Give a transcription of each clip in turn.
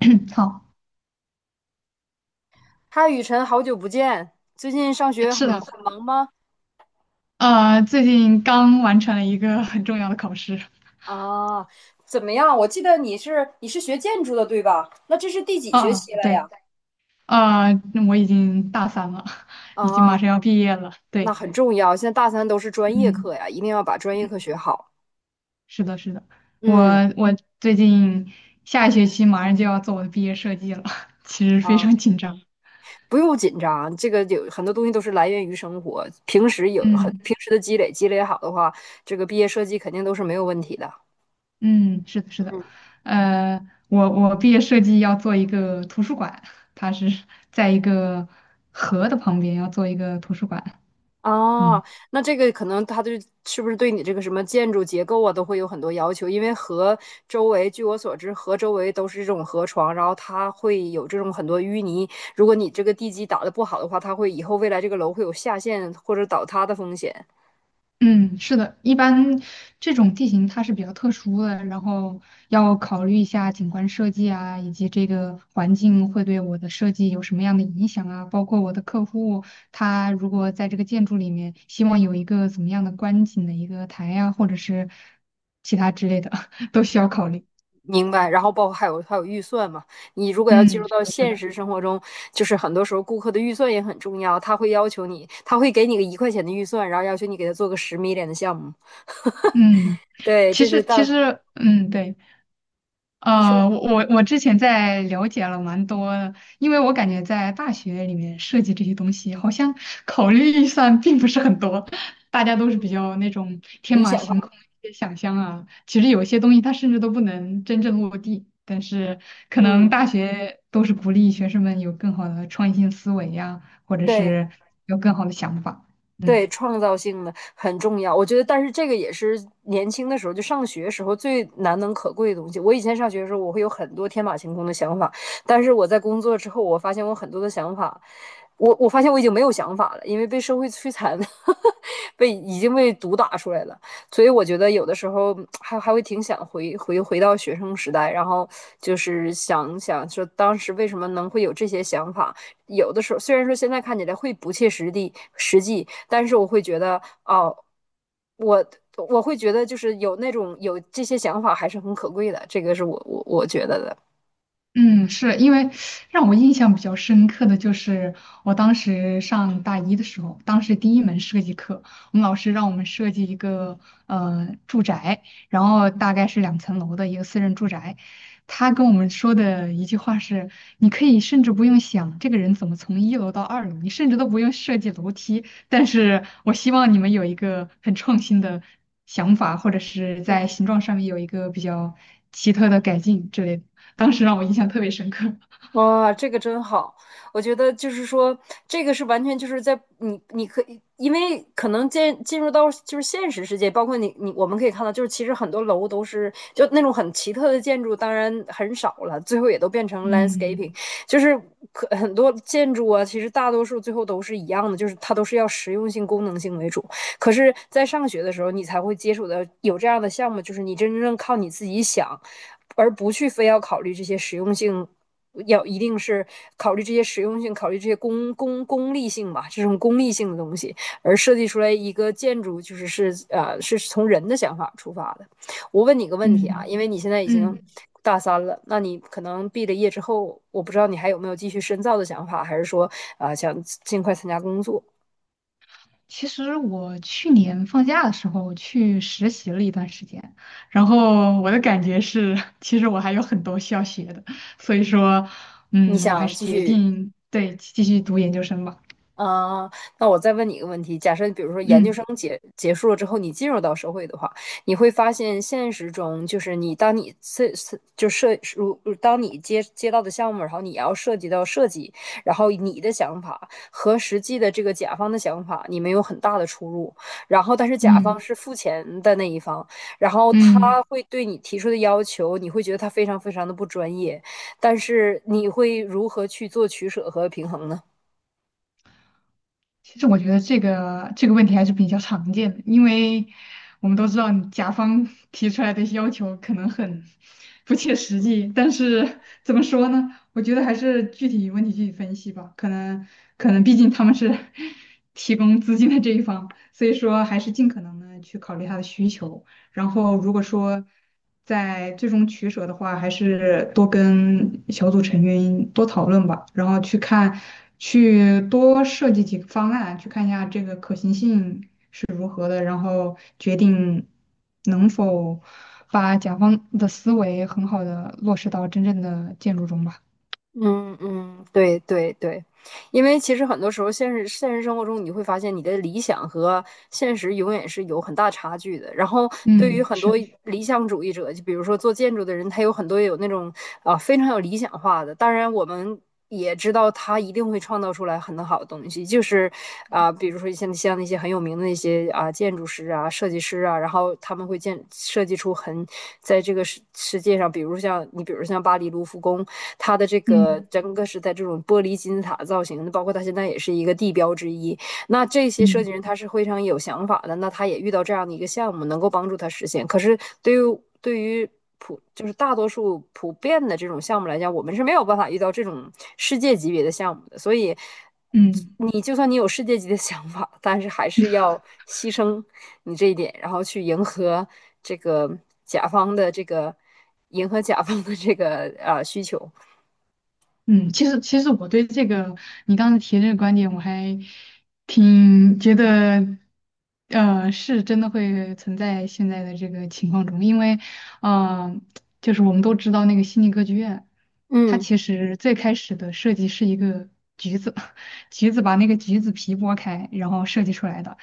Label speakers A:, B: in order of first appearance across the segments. A: 好，
B: 嗨，雨辰，好久不见，最近上学
A: 是
B: 很
A: 的，
B: 很忙吗？
A: 最近刚完成了一个很重要的考试。
B: 啊，怎么样？我记得你是学建筑的，对吧？那这是第几
A: 啊
B: 学
A: 啊，
B: 期了呀？
A: 对，呃，我已经大三了，已经
B: 啊，
A: 马上要毕业了。
B: 那
A: 对，
B: 很重要，现在大三都是专业
A: 嗯，
B: 课呀，一定要把专业课学好。
A: 是的，是的，我
B: 嗯，
A: 我最近下一学期马上就要做我的毕业设计了，其实非
B: 啊，
A: 常紧张。
B: 不用紧张，这个有很多东西都是来源于生活，
A: 嗯
B: 平时的积累，积累好的话，这个毕业设计肯定都是没有问题的。
A: 嗯，是的，是的，
B: 嗯。
A: 呃，我毕业设计要做一个图书馆，它是在一个河的旁边要做一个图书馆。
B: 哦，
A: 嗯。
B: 那这个可能是不是对你这个什么建筑结构啊都会有很多要求，因为河周围，据我所知，河周围都是这种河床，然后它会有这种很多淤泥。如果你这个地基打得不好的话，以后未来这个楼会有下陷或者倒塌的风险。
A: 嗯，是的，一般这种地形它是比较特殊的，然后要考虑一下景观设计啊，以及这个环境会对我的设计有什么样的影响啊，包括我的客户他如果在这个建筑里面希望有一个怎么样的观景的一个台呀、或者是其他之类的，都需要考虑。
B: 明白。然后包括还有预算嘛，你如果要进
A: 嗯，
B: 入
A: 是
B: 到
A: 的，是
B: 现
A: 的，
B: 实生活中，就是很多时候顾客的预算也很重要，他会要求你，他会给你个一块钱的预算，然后要求你给他做个十米脸的项目。
A: 嗯，
B: 对，
A: 其
B: 这是
A: 实
B: 大，
A: 其实，对。
B: 你说
A: 我之前在了解了蛮多的，因为我感觉在大学里面设计这些东西，好像 考虑预算并不是很多，大家都是比较那种天
B: 理
A: 马
B: 想化。
A: 行空一些想象啊。其实有些东西它甚至都不能真正落地，但是可能
B: 嗯，
A: 大学都是鼓励学生们有更好的创新思维呀、或者
B: 对
A: 是有更好的想法。嗯。
B: 对，创造性的很重要。我觉得，但是这个也是年轻的时候，就上学时候最难能可贵的东西。我以前上学的时候，我会有很多天马行空的想法，但是我在工作之后，我发现我很多的想法，我发现我已经没有想法了，因为被社会摧残，被已经被毒打出来了。所以我觉得有的时候还会挺想回到学生时代，然后就是想想说当时为什么能会有这些想法。有的时候虽然说现在看起来会不切实际，但是我会觉得哦，我我会觉得就是有那种有这些想法还是很可贵的，这个是我觉得的。
A: 嗯，是因为让我印象比较深刻的就是我当时上大一的时候，当时第一门设计课，我们老师让我们设计一个住宅，然后大概是2层楼的一个私人住宅。他跟我们说的一句话是：你可以甚至不用想这个人怎么从1楼到2楼，你甚至都不用设计楼梯。但是我希望你们有一个很创新的想法，或者是在形
B: 嗯
A: 状上面有一个比较奇特的改进之类的。当时
B: 嗯，
A: 让我印象特别深刻。
B: 哇，这个真好！我觉得就是说，这个是完全就是在你，你可以，因为可能进入到就是现实世界，包括我们可以看到，就是其实很多楼都是就那种很奇特的建筑，当然很少了，最后也都变成
A: 嗯
B: landscaping,就是可很多建筑啊，其实大多数最后都是一样的，就是它都是要实用性、功能性为主。可是，在上学的时候，你才会接触到有这样的项目，就是你真正靠你自己想，而不去非要考虑这些实用性，要一定是考虑这些实用性，考虑这些功利性吧，这种功利性的东西，而设计出来一个建筑，就是从人的想法出发的。我问你个问题啊，
A: 嗯
B: 因为你现在已经
A: 嗯，
B: 大三了，那你可能毕了业之后，我不知道你还有没有继续深造的想法，还是说啊想尽快参加工作，
A: 其实我去年放假的时候去实习了一段时间，然后我的感觉是，其实我还有很多需要学的，所以说，
B: 你
A: 嗯，我还
B: 想
A: 是
B: 继
A: 决
B: 续
A: 定对继续读研究生吧。
B: 啊，那我再问你一个问题：假设比如说研究生
A: 嗯
B: 结束了之后，你进入到社会的话，你会发现现实中就是你当你设就设如当你接到的项目，然后你要涉及到设计，然后你的想法和实际的这个甲方的想法，你们有很大的出入。然后，但是甲
A: 嗯
B: 方是付钱的那一方，然后
A: 嗯。
B: 他会对你提出的要求，你会觉得他非常非常的不专业，但是你会如何去做取舍和平衡呢？
A: 其实我觉得这个问题还是比较常见的，因为我们都知道你甲方提出来的要求可能很不切实际，但是怎么说呢？我觉得还是具体问题具体分析吧。可能毕竟他们是 提供资金的这一方，所以说还是尽可能的去考虑他的需求。然后如果说在最终取舍的话，还是多跟小组成员多讨论吧，然后去看，去多设计几个方案，去看一下这个可行性是如何的，然后决定能否把甲方的思维很好的落实到真正的建筑中吧。
B: 嗯嗯，对对对，因为其实很多时候现实生活中，你会发现你的理想和现实永远是有很大差距的。然后对于
A: 嗯，
B: 很
A: 是
B: 多
A: 的，
B: 理想主义者，就比如说做建筑的人，他有很多有那种啊非常有理想化的。当然，我们也知道他一定会创造出来很好的东西，就是啊，比如说像那些很有名的那些啊建筑师啊、设计师啊，然后他们会设计出很在这个世界上，比如像你，比如像巴黎卢浮宫。它的这个
A: 嗯
B: 整个是在这种玻璃金字塔造型的，包括它现在也是一个地标之一。那这些设
A: 嗯
B: 计人他是非常有想法的，那他也遇到这样的一个项目，能够帮助他实现。可是对于就是大多数普遍的这种项目来讲，我们是没有办法遇到这种世界级别的项目的，所以。
A: 嗯。
B: 你就算你有世界级的想法，但是还是要牺牲你这一点，然后去迎合这个甲方的这个甲方的这个啊需求。
A: 嗯，其实我对这个你刚才提这个观点，我还挺觉得，是真的会存在现在的这个情况中，因为，呃，就是我们都知道那个悉尼歌剧院，它
B: 嗯
A: 其实最开始的设计是一个橘子，橘子把那个橘子皮剥开，然后设计出来的，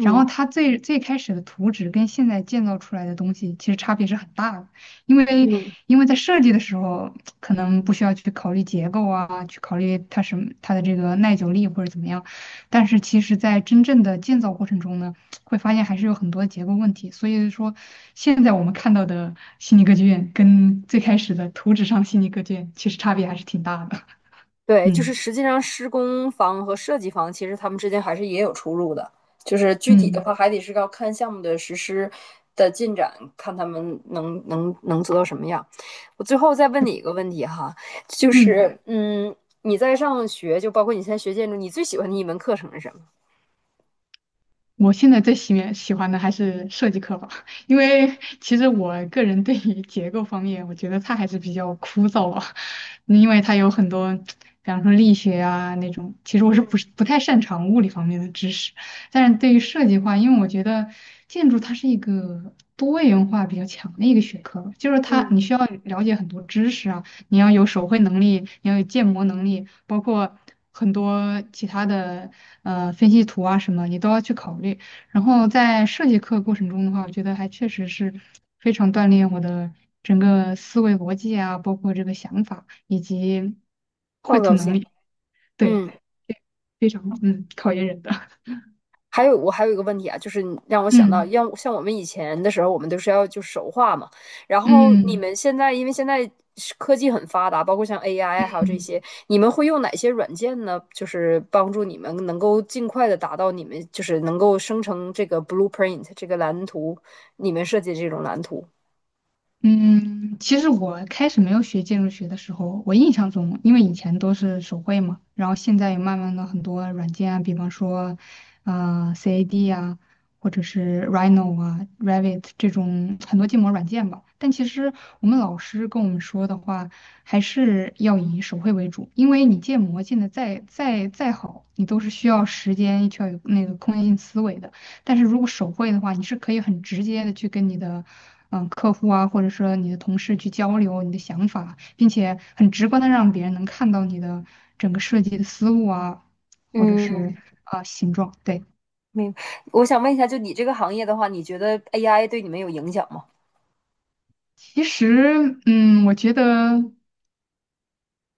A: 然后它最最开始的图纸跟现在建造出来的东西其实差别是很大的。因为
B: 嗯，
A: 因为在设计的时候，可能不需要去考虑结构啊，去考虑它什么它的这个耐久力或者怎么样，但是其实在真正的建造过程中呢，会发现还是有很多结构问题。所以说，现在我们看到的悉尼歌剧院跟最开始的图纸上悉尼歌剧院其实差别还是挺大的。
B: 对，就
A: 嗯
B: 是实际上施工方和设计方其实他们之间还是也有出入的，就是具体的
A: 嗯
B: 话还得是要看项目的实施的进展，看他们能做到什么样。我最后再问你一个问题哈，就
A: 嗯。
B: 是，你在上学，就包括你现在学建筑，你最喜欢的一门课程是什么？
A: 我现在最喜欢的还是设计课吧，因为其实我个人对于结构方面，我觉得它还是比较枯燥吧，因为它有很多，比方说力学啊那种，其实我是不
B: 嗯
A: 是不太擅长物理方面的知识，但是对于设计的话，因为我觉得建筑它是一个多元化比较强的一个学科就是它
B: 嗯。
A: 你需要了解很多知识啊，你要有手绘能力，你要有建模能力，包括很多其他的分析图啊什么，你都要去考虑。然后在设计课过程中的话，我觉得还确实是非常锻炼我的整个思维逻辑啊，包括这个想法以及绘
B: 创
A: 图
B: 造
A: 能
B: 性。
A: 力，对，
B: 嗯。
A: 非常考验人的，
B: 还有我还有一个问题啊，就是你让我 想到，
A: 嗯
B: 要像我们以前的时候，我们都是要就手画嘛。然后你
A: 嗯。
B: 们现在，因为现在是科技很发达，包括像 AI 还有这
A: 嗯
B: 些，你们会用哪些软件呢？就是帮助你们能够尽快的达到你们就是能够生成这个 blueprint 这个蓝图，你们设计这种蓝图。
A: 嗯，其实我开始没有学建筑学的时候，我印象中，因为以前都是手绘嘛，然后现在也慢慢的很多软件啊，比方说，CAD 啊，或者是 Rhino 啊、Revit 这种很多建模软件吧。但其实我们老师跟我们说的话，还是要以手绘为主，因为你建模建的再好，你都是需要时间，需要有那个空间性思维的。但是如果手绘的话，你是可以很直接的去跟你的客户啊，或者说你的同事去交流你的想法，并且很直观的让别人能看到你的整个设计的思路啊，或者是
B: 嗯，
A: 啊、形状。对，
B: 明白。我想问一下，就你这个行业的话，你觉得 AI 对你们有影响吗？
A: 其实我觉得。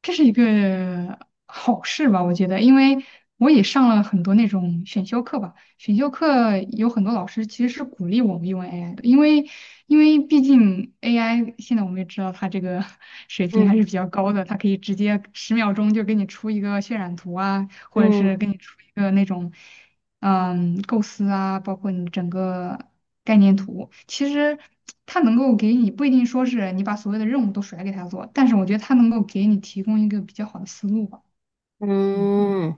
A: 这是一个好事吧，我觉得，因为我也上了很多那种选修课吧，选修课有很多老师其实是鼓励我们用 AI 的，因为毕竟 AI 现在我们也知道它这个 水平还是
B: 嗯
A: 比较高的，它可以直接10秒钟就给你出一个渲染图啊，或者是
B: 嗯。
A: 给你出一个那种。嗯，构思啊，包括你整个概念图，其实它能够给你不一定说是你把所有的任务都甩给他做，但是我觉得它能够给你提供一个比较好的思路吧。嗯，
B: 嗯，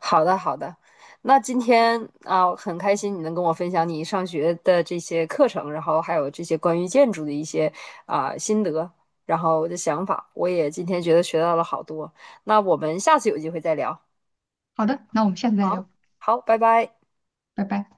B: 好的好的，那今天啊，很开心你能跟我分享你上学的这些课程，然后还有这些关于建筑的一些啊心得，然后我的想法，我也今天觉得学到了好多。那我们下次有机会再聊。
A: 好的，那我们下次再
B: 好，
A: 聊，
B: 好，拜拜。
A: 拜拜。